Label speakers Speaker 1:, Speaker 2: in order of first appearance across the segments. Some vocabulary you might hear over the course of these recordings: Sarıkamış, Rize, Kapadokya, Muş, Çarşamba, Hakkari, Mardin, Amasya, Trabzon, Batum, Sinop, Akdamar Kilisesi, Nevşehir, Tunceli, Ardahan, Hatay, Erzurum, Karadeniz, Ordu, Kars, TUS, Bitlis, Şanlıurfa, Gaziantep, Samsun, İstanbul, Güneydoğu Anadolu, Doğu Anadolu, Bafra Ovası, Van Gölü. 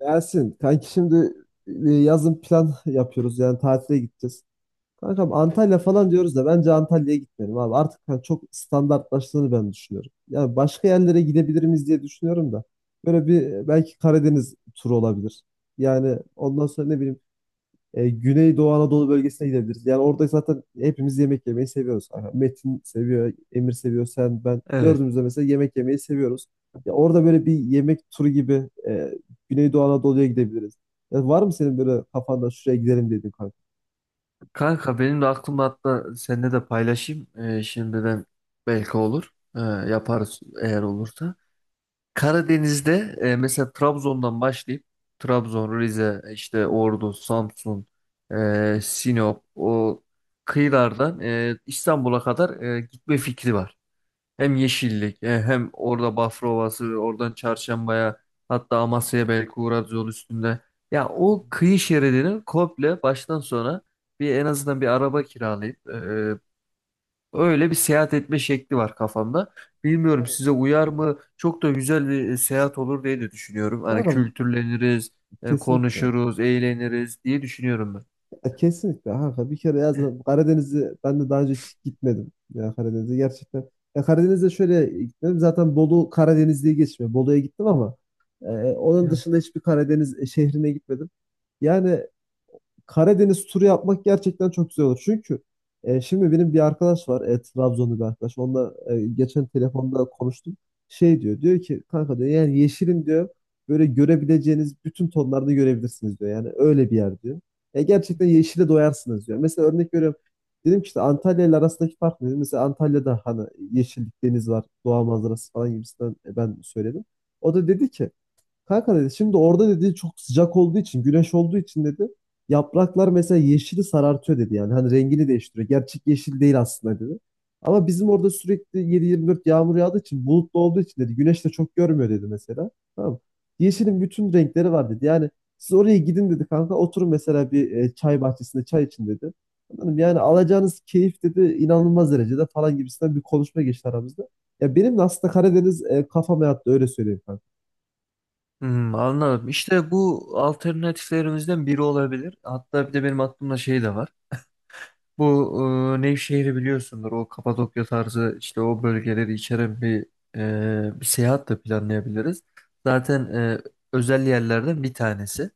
Speaker 1: Gelsin. Kanki şimdi yazın plan yapıyoruz. Yani tatile gideceğiz. Kankam Antalya falan diyoruz da bence Antalya'ya gitmeyelim abi. Artık hani çok standartlaştığını ben düşünüyorum. Yani başka yerlere gidebilir miyiz diye düşünüyorum da. Böyle bir belki Karadeniz turu olabilir. Yani ondan sonra ne bileyim Güneydoğu Anadolu bölgesine gidebiliriz. Yani orada zaten hepimiz yemek yemeyi seviyoruz. Aha, Metin seviyor, Emir seviyor, sen, ben.
Speaker 2: Evet.
Speaker 1: Dördümüz de mesela yemek yemeyi seviyoruz. Ya orada böyle bir yemek turu gibi Güneydoğu Anadolu'ya gidebiliriz. Ya var mı senin böyle kafanda şuraya gidelim dediğin kanka?
Speaker 2: Kanka benim de aklımda, hatta seninle de paylaşayım. Şimdiden belki olur. Yaparız eğer olursa. Karadeniz'de, mesela Trabzon'dan başlayıp Trabzon, Rize, işte Ordu, Samsun, Sinop, o kıyılardan İstanbul'a kadar gitme fikri var. Hem yeşillik, hem orada Bafra Ovası, oradan Çarşamba'ya, hatta Amasya'ya belki uğrarız yol üstünde. Ya o kıyı şeridini komple baştan sona bir, en azından bir araba kiralayıp, öyle bir seyahat etme şekli var kafamda. Bilmiyorum,
Speaker 1: Evet.
Speaker 2: size uyar mı? Çok da güzel bir seyahat olur diye de düşünüyorum. Hani
Speaker 1: Kanka
Speaker 2: kültürleniriz,
Speaker 1: kesinlikle.
Speaker 2: konuşuruz, eğleniriz diye düşünüyorum ben.
Speaker 1: Ya kesinlikle kanka bir kere ya zaten Karadeniz'i ben de daha önce hiç gitmedim. Ya Karadeniz'e gerçekten. Ya Karadeniz'e şöyle gitmedim. Zaten Bolu Karadeniz diye geçmiyor. Bolu'ya gittim ama onun
Speaker 2: Evet.
Speaker 1: dışında hiçbir Karadeniz şehrine gitmedim. Yani Karadeniz turu yapmak gerçekten çok güzel olur. Çünkü şimdi benim bir arkadaş var. Trabzonlu bir arkadaş. Onunla geçen telefonda konuştum. Şey diyor. Diyor ki kanka diyor yani yeşilin diyor böyle görebileceğiniz bütün tonlarda görebilirsiniz diyor. Yani öyle bir yer diyor. Gerçekten yeşile doyarsınız diyor. Mesela örnek veriyorum. Dedim ki işte Antalya ile arasındaki fark ne, dedim. Mesela Antalya'da hani yeşillik, deniz var, doğa manzarası falan gibisinden ben söyledim. O da dedi ki kanka dedi şimdi orada dedi çok sıcak olduğu için güneş olduğu için dedi yapraklar mesela yeşili sarartıyor dedi yani hani rengini değiştiriyor. Gerçek yeşil değil aslında dedi. Ama bizim orada sürekli 7/24 yağmur yağdığı için bulutlu olduğu için dedi güneş de çok görmüyor dedi mesela. Tamam mı? Yeşilin bütün renkleri var dedi. Yani siz oraya gidin dedi kanka, oturun mesela bir çay bahçesinde çay için dedi. Anladım. Yani alacağınız keyif dedi inanılmaz derecede falan gibisinden bir konuşma geçti aramızda. Ya benim de aslında Karadeniz kafama yattı öyle söyleyeyim kanka.
Speaker 2: Hmm, anladım. İşte bu alternatiflerimizden biri olabilir. Hatta bir de benim aklımda şey de var. Bu, Nevşehir'i biliyorsundur. O Kapadokya tarzı, işte o bölgeleri içeren bir seyahat de planlayabiliriz. Zaten özel yerlerden bir tanesi.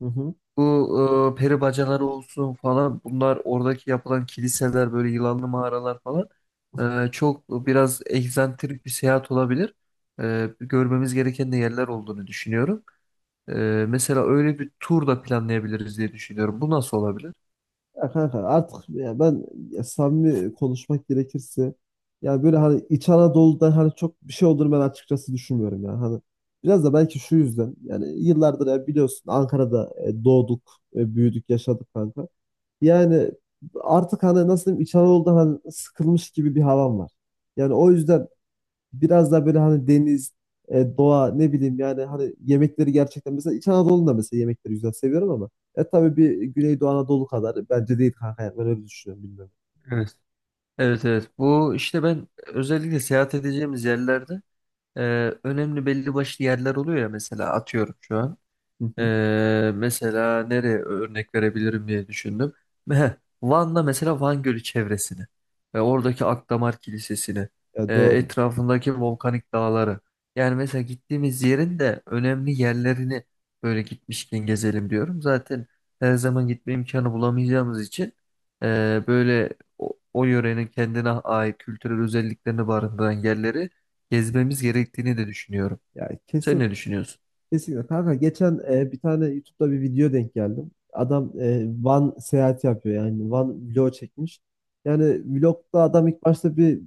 Speaker 1: Hı hı.
Speaker 2: Bu peri bacaları olsun falan, bunlar, oradaki yapılan kiliseler, böyle yılanlı mağaralar falan, çok biraz egzantrik bir seyahat olabilir. E, görmemiz gereken de yerler olduğunu düşünüyorum. E, mesela öyle bir tur da planlayabiliriz diye düşünüyorum. Bu nasıl olabilir?
Speaker 1: Ya kanka artık ya ben, ya samimi konuşmak gerekirse ya böyle hani İç Anadolu'da hani çok bir şey olduğunu ben açıkçası düşünmüyorum ya. Hani biraz da belki şu yüzden, yani yıllardır ya biliyorsun Ankara'da doğduk, büyüdük, yaşadık kanka. Yani artık hani nasıl diyeyim İç Anadolu'da hani sıkılmış gibi bir havam var. Yani o yüzden biraz daha böyle hani deniz, doğa ne bileyim yani hani yemekleri gerçekten mesela İç Anadolu'nda mesela yemekleri güzel seviyorum ama tabii bir Güneydoğu Anadolu kadar bence değil kanka, yani ben öyle düşünüyorum bilmiyorum.
Speaker 2: Evet. Evet, evet, bu işte ben özellikle seyahat edeceğimiz yerlerde e, önemli belli başlı yerler oluyor ya, mesela atıyorum şu an.
Speaker 1: Hı hı.
Speaker 2: Mesela nereye örnek verebilirim diye düşündüm. Heh, Van'da mesela Van Gölü çevresini ve oradaki Akdamar Kilisesi'ni,
Speaker 1: Ya doğru.
Speaker 2: etrafındaki volkanik dağları. Yani mesela gittiğimiz yerin de önemli yerlerini böyle gitmişken gezelim diyorum. Zaten her zaman gitme imkanı bulamayacağımız için, böyle o yörenin kendine ait kültürel özelliklerini barındıran yerleri gezmemiz gerektiğini de düşünüyorum.
Speaker 1: Ya
Speaker 2: Sen
Speaker 1: kesin
Speaker 2: ne düşünüyorsun?
Speaker 1: Kesinlikle kanka, geçen bir tane YouTube'da bir video denk geldim. Adam Van seyahati yapıyor yani Van vlog çekmiş. Yani vlogda adam ilk başta bir,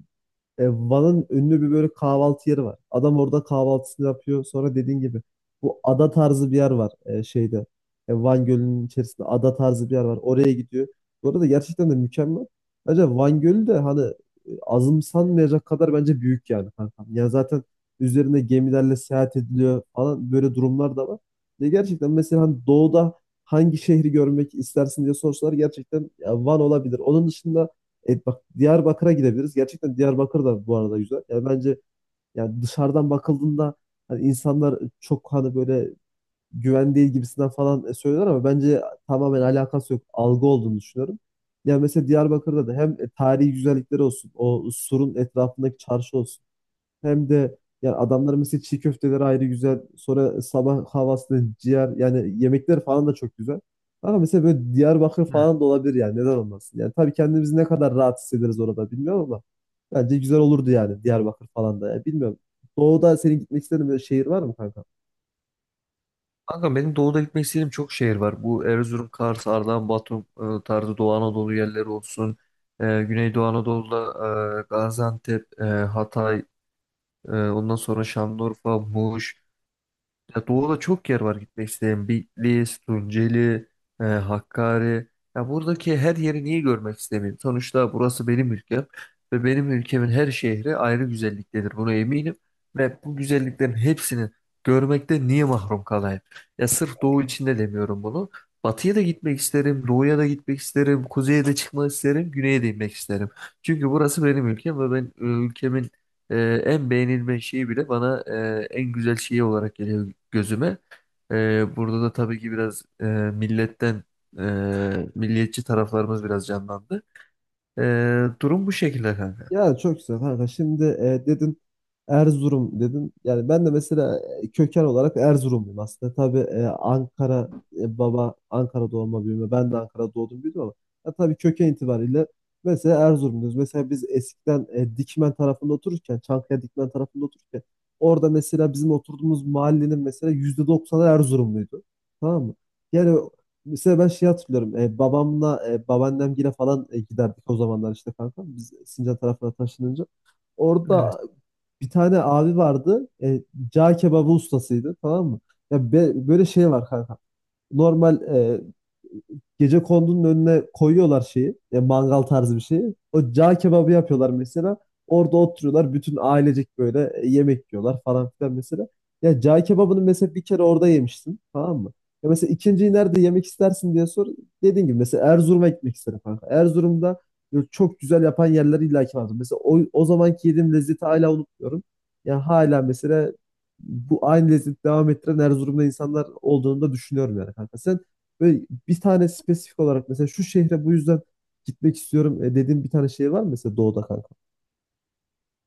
Speaker 1: Van'ın ünlü bir böyle kahvaltı yeri var. Adam orada kahvaltısını yapıyor. Sonra dediğin gibi bu ada tarzı bir yer var şeyde. Van Gölü'nün içerisinde ada tarzı bir yer var. Oraya gidiyor. Bu arada gerçekten de mükemmel. Bence Van Gölü de hani azımsanmayacak kadar bence büyük yani kankam. Ya zaten üzerinde gemilerle seyahat ediliyor falan böyle durumlar da var. Ve gerçekten mesela hani doğuda hangi şehri görmek istersin diye sorsalar gerçekten ya Van olabilir. Onun dışında bak Diyarbakır'a gidebiliriz. Gerçekten Diyarbakır da bu arada güzel. Yani bence yani dışarıdan bakıldığında hani insanlar çok hani böyle güven değil gibisinden falan söylüyorlar ama bence tamamen alakası yok. Algı olduğunu düşünüyorum. Yani mesela Diyarbakır'da da hem tarihi güzellikleri olsun, o surun etrafındaki çarşı olsun. Hem de yani adamların mesela çiğ köfteleri ayrı güzel. Sonra sabah havasında ciğer yani yemekler falan da çok güzel. Ama mesela böyle Diyarbakır falan da olabilir yani neden olmasın? Yani tabii kendimizi ne kadar rahat hissederiz orada bilmiyorum ama bence güzel olurdu yani Diyarbakır falan da. Yani bilmiyorum. Doğu'da senin gitmek istediğin bir şehir var mı kanka?
Speaker 2: Kanka benim doğuda gitmek istediğim çok şehir var. Bu Erzurum, Kars, Ardahan, Batum tarzı Doğu Anadolu yerleri olsun. E, Güneydoğu Anadolu'da Gaziantep, Hatay, ondan sonra Şanlıurfa, Muş. Ya doğuda çok yer var gitmek isteyen. Bitlis, Tunceli, Hakkari. Ya buradaki her yeri niye görmek istemeyeyim? Sonuçta burası benim ülkem ve benim ülkemin her şehri ayrı güzelliktedir. Buna eminim. Ve bu güzelliklerin hepsini görmekte niye mahrum kalayım? Ya sırf doğu için de demiyorum bunu. Batıya da gitmek isterim, doğuya da gitmek isterim, kuzeye de çıkmak isterim, güneye de inmek isterim. Çünkü burası benim ülkem ve ben ülkemin e, en beğenilme şeyi bile bana en güzel şeyi olarak geliyor gözüme. E, burada da tabii ki biraz milletten, e, milliyetçi taraflarımız biraz canlandı. E, durum bu şekilde kanka.
Speaker 1: Ya çok güzel kanka. Şimdi dedin Erzurum dedin. Yani ben de mesela köken olarak Erzurumluyum aslında. Tabii Ankara baba Ankara doğma büyüme. Ben de Ankara'da doğdum büyüdüm ama ya, tabii köken itibariyle mesela Erzurumluyuz. Mesela biz eskiden Dikmen tarafında otururken, Çankaya Dikmen tarafında otururken orada mesela bizim oturduğumuz mahallenin mesela %90 Erzurumluydu. Tamam mı? Yani mesela ben şey hatırlıyorum. Babamla babaannemgile falan giderdik o zamanlar işte kanka. Biz Sincan tarafına taşınınca,
Speaker 2: Evet.
Speaker 1: orada bir tane abi vardı. Cağ kebabı ustasıydı, tamam mı? Böyle şey var kanka, normal gecekondunun önüne koyuyorlar şeyi, mangal tarzı bir şeyi. O cağ kebabı yapıyorlar mesela. Orada oturuyorlar. Bütün ailecek böyle yemek yiyorlar falan filan mesela. Ya cağ kebabını mesela bir kere orada yemiştin. Tamam mı? Ya mesela ikinciyi nerede yemek istersin diye sor. Dediğin gibi mesela Erzurum'a gitmek isterim kanka. Erzurum'da böyle çok güzel yapan yerler illaki vardır. Mesela o zamanki yediğim lezzeti hala unutmuyorum. Ya hala mesela bu aynı lezzeti devam ettiren Erzurum'da insanlar olduğunu da düşünüyorum yani kanka. Sen böyle bir tane spesifik olarak mesela şu şehre bu yüzden gitmek istiyorum dediğin bir tane şehir var mı mesela doğuda kanka?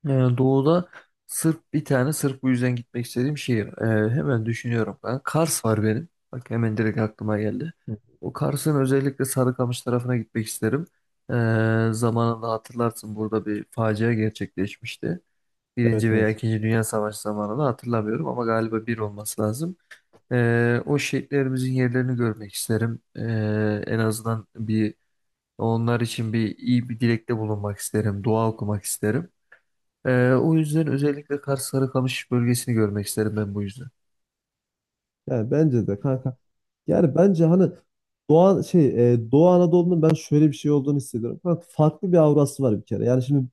Speaker 2: E, doğuda sırf bir tane, sırf bu yüzden gitmek istediğim şehir. E, hemen düşünüyorum ben. Kars var benim. Bak hemen direkt aklıma geldi.
Speaker 1: Hı,
Speaker 2: O Kars'ın özellikle Sarıkamış tarafına gitmek isterim. E, zamanında hatırlarsın, burada bir facia gerçekleşmişti.
Speaker 1: evet
Speaker 2: Birinci veya
Speaker 1: evet.
Speaker 2: ikinci Dünya Savaşı zamanını hatırlamıyorum ama galiba bir olması lazım. O şehitlerimizin yerlerini görmek isterim. En azından bir, onlar için bir iyi bir dilekte bulunmak isterim, dua okumak isterim. O yüzden özellikle Kars Sarıkamış bölgesini görmek isterim ben bu yüzden.
Speaker 1: Yani bence de kanka. Yani bence hani Doğu Anadolu'nun ben şöyle bir şey olduğunu hissediyorum. Kanka farklı bir aurası var bir kere. Yani şimdi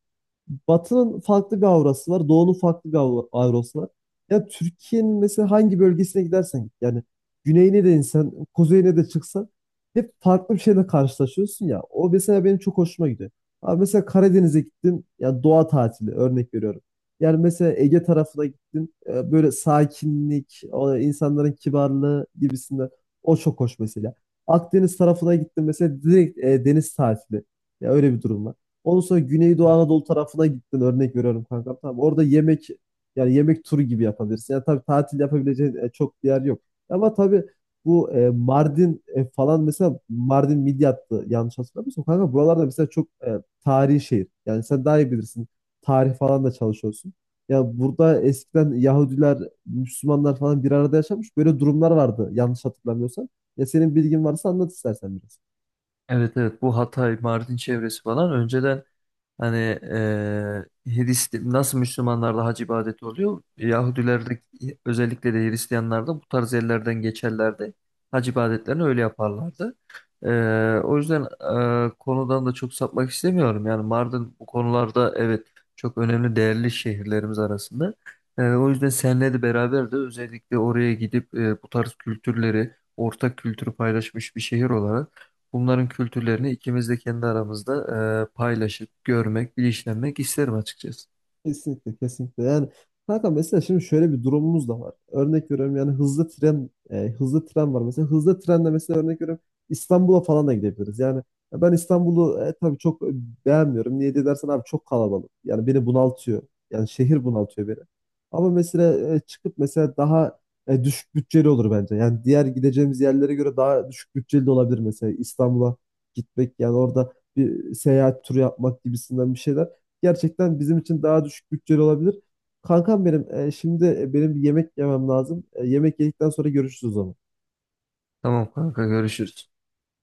Speaker 1: Batı'nın farklı bir aurası var. Doğu'nun farklı bir aurası var. Ya Türkiye'nin mesela hangi bölgesine gidersen git. Yani güneyine de insan, kuzeyine de çıksan hep farklı bir şeyle karşılaşıyorsun ya. O mesela benim çok hoşuma gidiyor. Abi mesela Karadeniz'e gittin ya, doğa tatili, örnek veriyorum. Yani mesela Ege tarafına gittin böyle sakinlik, o insanların kibarlığı gibisinden o çok hoş mesela. Akdeniz tarafına gittin mesela direkt deniz tatili. Ya öyle bir durum var. Ondan sonra Güneydoğu Anadolu tarafına gittin örnek veriyorum kanka. Tamam, orada yemek, yani yemek turu gibi yapabilirsin. Yani tabii tatil yapabileceğin çok bir yer yok. Ama tabii bu Mardin falan, mesela Mardin Midyat'tı yanlış hatırlamıyorsam. Kanka buralarda mesela çok tarihi şehir. Yani sen daha iyi bilirsin. Tarih falan da çalışıyorsun. Ya burada eskiden Yahudiler, Müslümanlar falan bir arada yaşamış. Böyle durumlar vardı yanlış hatırlamıyorsam. Ya senin bilgin varsa anlat istersen biraz.
Speaker 2: Evet, evet, bu Hatay, Mardin çevresi falan önceden, hani, Hristi- nasıl Müslümanlarda hac ibadeti oluyor? Yahudilerde, özellikle de Hristiyanlarda bu tarz yerlerden geçerlerdi. Hac ibadetlerini öyle yaparlardı. O yüzden konudan da çok sapmak istemiyorum. Yani Mardin bu konularda, evet, çok önemli, değerli şehirlerimiz arasında. O yüzden seninle de beraber de özellikle oraya gidip, bu tarz kültürleri, ortak kültürü paylaşmış bir şehir olarak bunların kültürlerini ikimiz de kendi aramızda paylaşıp görmek, bilinçlenmek isterim açıkçası.
Speaker 1: Kesinlikle kesinlikle. Yani kanka mesela şimdi şöyle bir durumumuz da var. Örnek veriyorum, yani hızlı tren var mesela. Hızlı trenle mesela örnek veriyorum İstanbul'a falan da gidebiliriz. Yani ben İstanbul'u tabii çok beğenmiyorum. Niye diye dersen abi çok kalabalık. Yani beni bunaltıyor. Yani şehir bunaltıyor beni. Ama mesela çıkıp mesela daha düşük bütçeli olur bence. Yani diğer gideceğimiz yerlere göre daha düşük bütçeli de olabilir mesela İstanbul'a gitmek, yani orada bir seyahat turu yapmak gibisinden bir şeyler gerçekten bizim için daha düşük bütçeli olabilir. Kankam benim, şimdi benim bir yemek yemem lazım. Yemek yedikten sonra görüşürüz o zaman.
Speaker 2: Tamam kanka, görüşürüz.